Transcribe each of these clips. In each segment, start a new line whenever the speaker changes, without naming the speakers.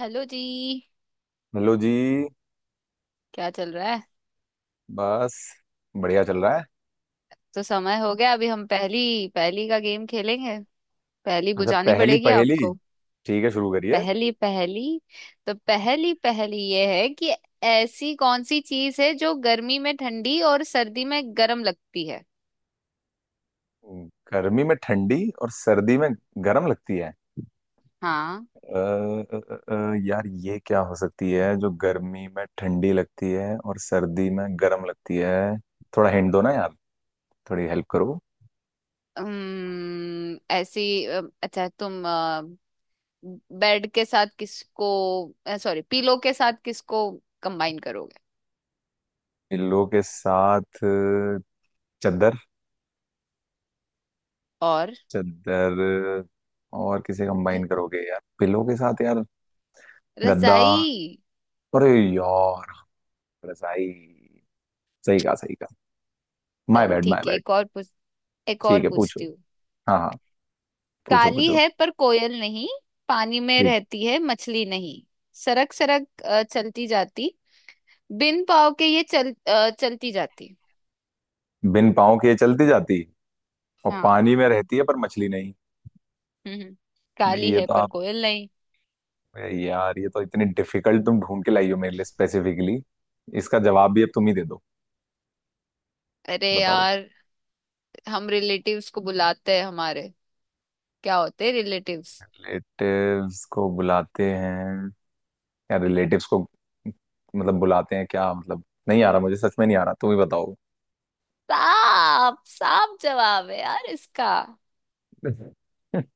Hello जी।
Hello जी।
क्या चल रहा है?
बस बढ़िया चल रहा है।
तो समय हो गया अभी हम पहली पहली का गेम खेलेंगे। पहली
अच्छा,
बुझानी
पहली
पड़ेगी
पहेली।
आपको।
ठीक है, शुरू करिए।
पहली पहली। तो पहली पहली ये है कि ऐसी कौन सी चीज है जो गर्मी में ठंडी और सर्दी में गर्म लगती है?
गर्मी में ठंडी और सर्दी में गर्म लगती है?
हाँ।
अ, यार, ये क्या हो सकती है जो गर्मी में ठंडी लगती है और सर्दी में गर्म लगती है? थोड़ा हिंट दो ना यार। थोड़ी हेल्प करो।
ऐसी अच्छा तुम बेड के साथ किसको, सॉरी पीलो के साथ किसको कंबाइन करोगे?
पिल्लों के साथ चद्दर।
और
चद्दर और किसे कंबाइन
र-
करोगे यार पिल्लों के साथ यार? गद्दा।
रजाई।
अरे यार, रजाई। सही कहा, सही कहा। माय
चलो
बैड, माय
ठीक है।
बैड।
एक और पूछ, एक
ठीक
और
है, पूछो।
पूछती हूँ।
हाँ हाँ, पूछो
काली
पूछो।
है पर कोयल नहीं। पानी में
ठीक।
रहती है मछली नहीं। सरक सरक चलती जाती। बिन पाँव के ये चलती जाती।
बिन पाँव के चलती जाती है और
हाँ।
पानी में रहती है पर मछली नहीं।
हम्म हम्म। काली
ये
है
तो
पर
आप,
कोयल नहीं।
यार ये तो इतनी डिफिकल्ट तुम ढूंढ के लाई हो मेरे लिए स्पेसिफिकली। इसका जवाब भी अब तुम ही दे दो।
अरे
बताओ।
यार, हम रिलेटिव्स को बुलाते हैं हमारे। क्या होते हैं रिलेटिव्स?
रिलेटिव्स को बुलाते हैं या रिलेटिव्स को मतलब बुलाते हैं, क्या मतलब? नहीं आ रहा, मुझे सच में नहीं आ रहा, तुम ही बताओ।
साफ साफ जवाब है यार इसका।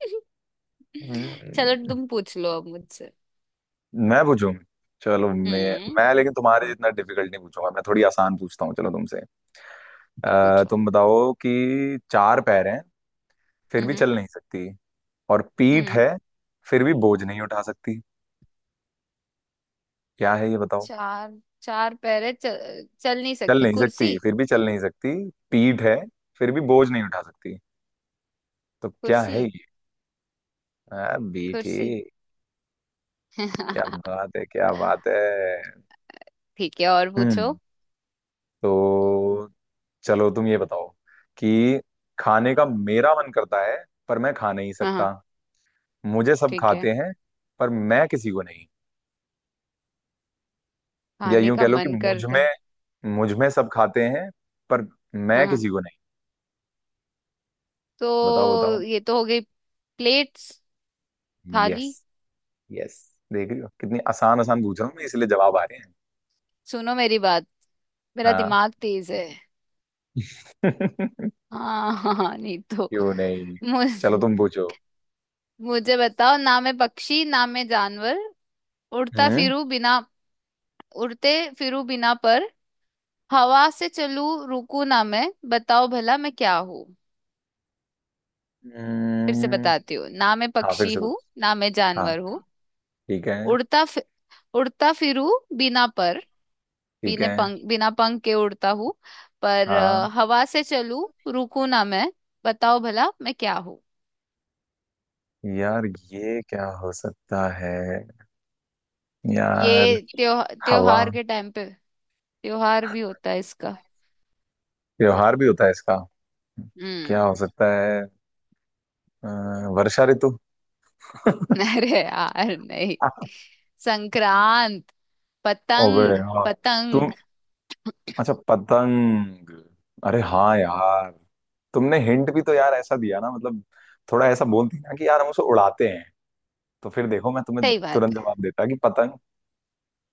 चलो
हम्म,
तुम पूछ लो अब मुझसे।
मैं पूछूं? चलो मैं
हम्म।
मैं लेकिन तुम्हारे जितना डिफिकल्ट नहीं पूछूंगा। मैं थोड़ी आसान पूछता हूँ, चलो तुमसे।
पूछो।
तुम बताओ कि चार पैर हैं फिर
हम्म
भी
हम्म
चल नहीं सकती, और पीठ
हम्म।
है फिर भी बोझ नहीं उठा सकती। क्या है ये, बताओ?
चार चार पैर है, चल नहीं
चल
सकती,
नहीं
कुर्सी।
सकती, फिर भी चल नहीं सकती। पीठ है फिर भी बोझ नहीं उठा सकती। तो क्या
कुर्सी।
है ये? बेटी।
कुर्सी।
क्या बात है, क्या बात है।
ठीक है, और पूछो।
हम्म। तो चलो तुम ये बताओ कि खाने का मेरा मन करता है पर मैं खा नहीं
हाँ हाँ,
सकता। मुझे सब
ठीक है।
खाते हैं पर मैं किसी को नहीं। या
खाने
यूं कह
का
लो कि
मन
मुझ
करता
में
है।
मुझ में सब खाते हैं पर
हाँ
मैं
हाँ।
किसी को नहीं। बताओ
तो
बताओ।
ये तो हो गई। प्लेट्स,
यस
थाली।
यस। देख रही हो कितनी आसान आसान पूछ रहा हूँ मैं, इसलिए जवाब आ रहे हैं।
सुनो मेरी बात, मेरा
हाँ।
दिमाग तेज है। हाँ। हाँ हाँ, नहीं तो।
क्यों नहीं। चलो
मुझे
तुम पूछो।
मुझे बताओ, ना मैं पक्षी ना मैं जानवर। उड़ता
हम्म
फिरू बिना उड़ते फिरू बिना पर हवा से चलू रुकू ना मैं, बताओ भला मैं क्या हूँ? फिर से
हम्म,
बताती हूँ, ना मैं
हाँ फिर
पक्षी
से
हूँ
पूछो।
ना मैं
हाँ,
जानवर हूँ।
ठीक है,
उड़ता फि, उड़ता फिरूं बिना पर।
ठीक है।
बिना पंख के उड़ता हूँ पर
हाँ
हवा से चलूं, रुकू ना मैं। बताओ भला मैं क्या हूँ?
यार, ये क्या हो सकता है यार?
ये
हवा।
त्योहार के टाइम पे। त्योहार भी होता है इसका।
त्योहार भी होता है इसका? क्या
हम्म।
हो सकता है? अ, वर्षा ऋतु।
अरे यार नहीं। संक्रांत।
ओबे
पतंग
हाँ। तुम।
पतंग।
अच्छा पतंग। अरे हाँ यार। तुमने हिंट भी तो यार ऐसा दिया ना, मतलब थोड़ा ऐसा बोलती ना कि यार हम उसे उड़ाते हैं, तो फिर देखो मैं तुम्हें
सही बात
तुरंत
है,
जवाब देता कि पतंग।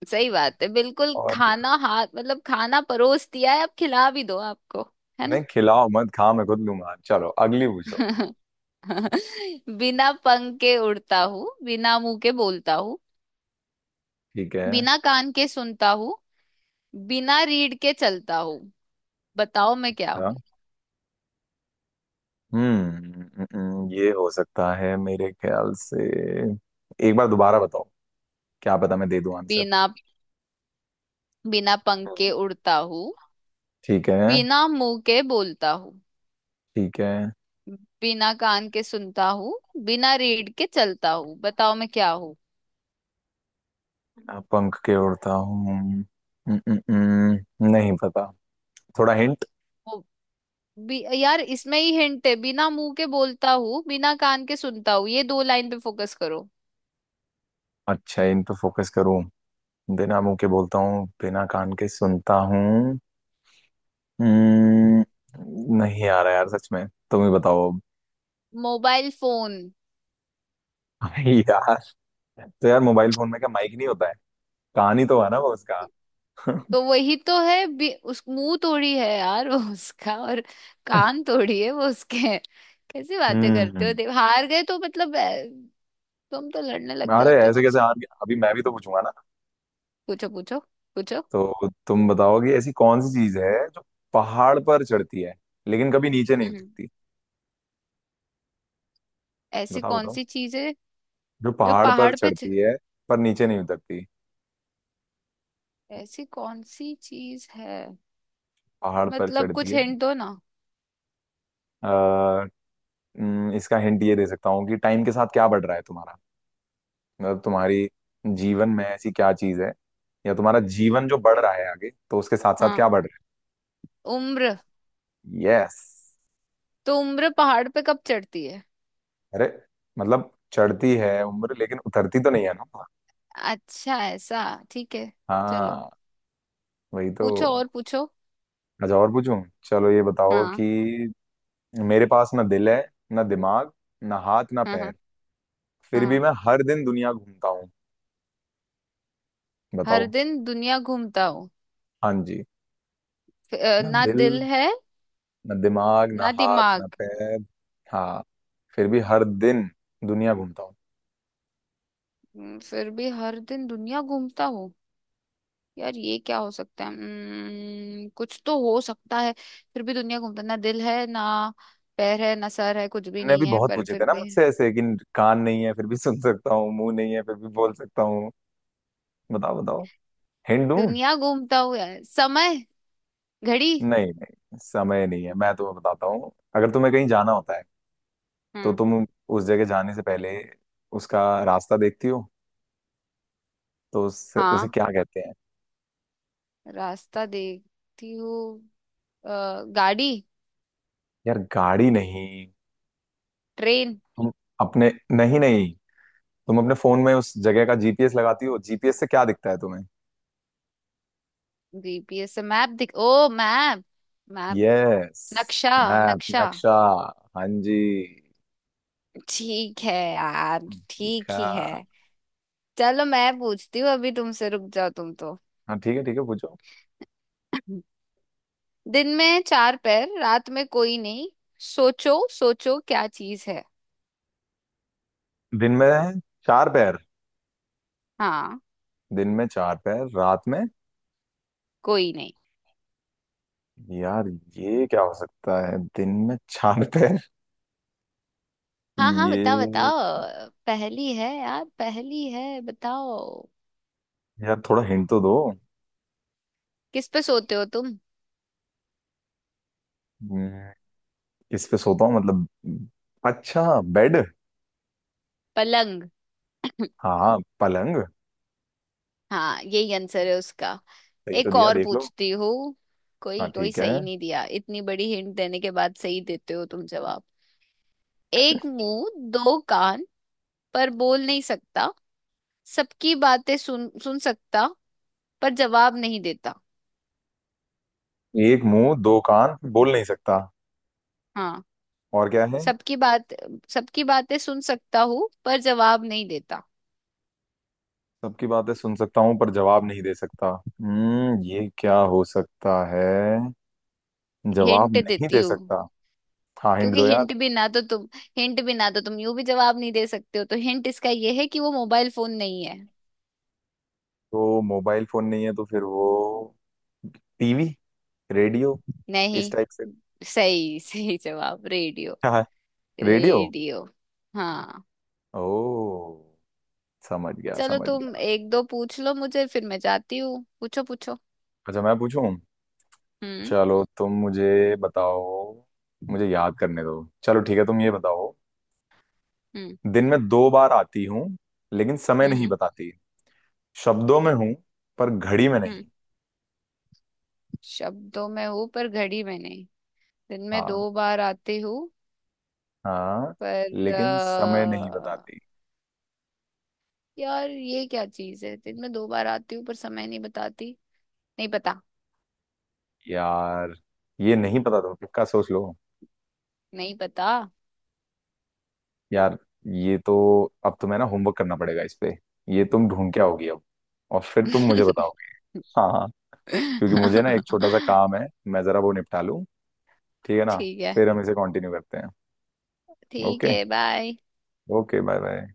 सही बात है बिल्कुल।
और क्या।
खाना हाथ मतलब खाना परोस दिया है, अब खिला भी दो आपको। है ना?
नहीं, खिलाओ मत, खा मैं खुद लूंगा। चलो अगली पूछो।
बिना पंख के उड़ता हूँ, बिना मुंह के बोलता हूँ,
ठीक है।
बिना कान के सुनता हूँ, बिना रीढ़ के चलता हूँ। बताओ मैं क्या
अच्छा।
हूँ?
ये हो सकता है मेरे ख्याल से। एक बार दोबारा बताओ। क्या पता मैं दे दूं आंसर।
बिना बिना पंख के उड़ता हूँ,
ठीक है,
बिना मुंह के बोलता हूँ,
ठीक है।
बिना कान के सुनता हूँ, बिना रीढ़ के चलता हूँ। बताओ मैं क्या हूँ?
अब पंख के उड़ता हूँ। नहीं पता। थोड़ा हिंट।
यार इसमें ही हिंट है, बिना मुंह के बोलता हूँ, बिना कान के सुनता हूँ। ये दो लाइन पे फोकस करो।
अच्छा, इन पे फोकस करूँ? बिना मुंह के बोलता हूँ, बिना कान के सुनता हूँ। हम्म, नहीं आ रहा यार, सच में तुम ही बताओ अब।
Mobile phone.
यार, तो यार मोबाइल फोन में क्या माइक नहीं होता है? कान ही तो है ना वो उसका।
तो वही तो है उस मुंह थोड़ी है यार। वो उसका, और कान थोड़ी है वो उसके हैं। कैसी बातें करते हो?
हम्म।
देव हार गए तो मतलब, तुम तो लड़ने लग
अरे
जाते हो
ऐसे कैसे
मुझसे।
हार गया, अभी मैं भी तो पूछूंगा ना।
पूछो पूछो पूछो।
तो तुम बताओ कि ऐसी कौन सी चीज है जो पहाड़ पर चढ़ती है लेकिन कभी नीचे नहीं
हम्म।
उतरती।
ऐसी
बताओ
कौन
बताओ।
सी चीज है
जो
जो
पहाड़ पर
पहाड़ पे
चढ़ती है पर नीचे नहीं उतरती।
ऐसी कौन सी चीज है,
पहाड़ पर
मतलब
चढ़ती
कुछ
है।
हिंट दो ना।
आ, इसका हिंट ये दे सकता हूँ कि टाइम के साथ क्या बढ़ रहा है तुम्हारा, मतलब तुम्हारी जीवन में ऐसी क्या चीज है, या तुम्हारा जीवन जो बढ़ रहा है आगे, तो उसके साथ साथ क्या
हाँ।
बढ़ रहा
उम्र।
है? यस।
तो उम्र पहाड़ पे कब चढ़ती है?
अरे, मतलब चढ़ती है उम्र, लेकिन उतरती तो नहीं है ना।
अच्छा ऐसा? ठीक है, चलो।
हाँ, वही तो।
पूछो, और पूछो।
अच्छा और पूछूं। चलो ये बताओ
हाँ
कि मेरे पास ना दिल है, ना दिमाग, ना हाथ ना
हाँ,
पैर।
हाँ
फिर भी
हाँ।
मैं हर दिन दुनिया घूमता हूँ।
हर
बताओ।
दिन दुनिया घूमता हूँ।
हाँ जी। ना
ना
दिल,
दिल है
ना दिमाग, ना
ना
हाथ
दिमाग।
ना पैर। हाँ। फिर भी हर दिन दुनिया घूमता हूँ।
फिर भी हर दिन दुनिया घूमता हूँ यार, ये क्या हो सकता है? कुछ तो हो सकता है। फिर भी दुनिया घूमता, ना दिल है ना पैर है ना सर है, कुछ भी
तुमने भी
नहीं है,
बहुत
पर
पूछे
फिर
थे ना
भी
मुझसे ऐसे कि कान नहीं है फिर भी सुन सकता हूँ, मुंह नहीं है फिर भी बोल सकता हूँ। बताओ बताओ, हिंट दूँ?
दुनिया घूमता हूँ यार। समय, घड़ी।
नहीं नहीं, समय नहीं है, मैं तुम्हें बताता हूँ। अगर तुम्हें कहीं जाना होता है तो
हम्म।
तुम उस जगह जाने से पहले उसका रास्ता देखती हो, तो उससे उसे
हाँ।
क्या कहते हैं?
रास्ता देखती हूँ। गाड़ी,
यार गाड़ी नहीं।
ट्रेन।
तुम अपने। नहीं नहीं, तुम अपने फोन में उस जगह का जीपीएस लगाती हो। जीपीएस से क्या दिखता है तुम्हें?
जीपीएस से मैप दिख ओ मैप। Map,
yes.
नक्शा।
मैप,
नक्शा।
नक्शा। हाँ जी।
ठीक है यार, ठीक
दिखा।
ही है। चलो मैं पूछती हूँ अभी तुमसे, रुक जाओ तुम तो।
हाँ ठीक है, ठीक है, पूछो।
दिन में चार पैर, रात में कोई नहीं। सोचो सोचो क्या चीज है?
दिन में चार पैर।
हाँ।
दिन में चार पैर, रात में।
कोई नहीं।
यार ये क्या हो सकता है, दिन में चार पैर?
हाँ हाँ, बताओ
ये।
बताओ, पहली है यार, पहली है, बताओ।
यार थोड़ा हिंट तो दो।
किस पे सोते हो तुम?
हम्म, किस पे सोता हूँ मतलब? अच्छा, बेड।
पलंग।
हाँ, पलंग।
हाँ यही आंसर है उसका।
सही तो
एक
दिया,
और
देख लो।
पूछती हूँ।
हाँ
कोई कोई
ठीक है।
सही नहीं दिया, इतनी बड़ी हिंट देने के बाद सही देते हो तुम जवाब। एक मुंह दो कान, पर बोल नहीं सकता। सबकी बातें सुन सुन सकता, पर जवाब नहीं देता।
एक मुंह दो कान, बोल नहीं सकता,
हाँ।
और क्या है?
सबकी बात सबकी बातें सुन सकता हूँ पर जवाब नहीं देता।
सबकी बातें सुन सकता हूँ पर जवाब नहीं दे सकता। ये क्या हो सकता है, जवाब
हिंट
नहीं
देती
दे
हूँ।
सकता? हाँ हिंट
क्योंकि
दो यार।
हिंट भी ना तो तुम यूं भी जवाब नहीं दे सकते हो, तो हिंट इसका ये है कि वो मोबाइल फोन नहीं है।
तो मोबाइल फोन नहीं है, तो फिर वो टीवी, रेडियो इस
नहीं।
टाइप से?
सही सही जवाब, रेडियो।
हाँ रेडियो।
रेडियो। हाँ।
ओ, समझ गया,
चलो
समझ
तुम
गया।
एक दो पूछ लो मुझे, फिर मैं जाती हूँ। पूछो पूछो।
अच्छा, मैं पूछूं।
हम्म
चलो तुम मुझे बताओ। मुझे याद करने दो। चलो ठीक है, तुम ये बताओ।
हम्म
दिन में दो बार आती हूँ लेकिन समय
हम्म हम्म
नहीं बताती। शब्दों में हूँ पर घड़ी में
हम्म।
नहीं।
शब्दों में हूँ पर घड़ी में नहीं। दिन में
हाँ
दो बार आती हूँ
हाँ,
पर
लेकिन समय नहीं बताती।
यार ये क्या चीज है, दिन में दो बार आती हूँ पर समय नहीं बताती। नहीं पता।
यार, ये नहीं पता तुम्हें? पक्का सोच लो।
नहीं पता।
यार, ये तो अब तुम्हें ना होमवर्क करना पड़ेगा इस पे। ये तुम ढूंढ के आओगी अब, और फिर तुम मुझे बताओगे। हाँ हाँ। क्योंकि मुझे ना एक छोटा सा काम है, मैं जरा वो निपटा लूँ। ठीक है ना?
ठीक है।
फिर हम इसे कंटिन्यू करते हैं।
ठीक
ओके।
है, बाय।
Okay, bye bye.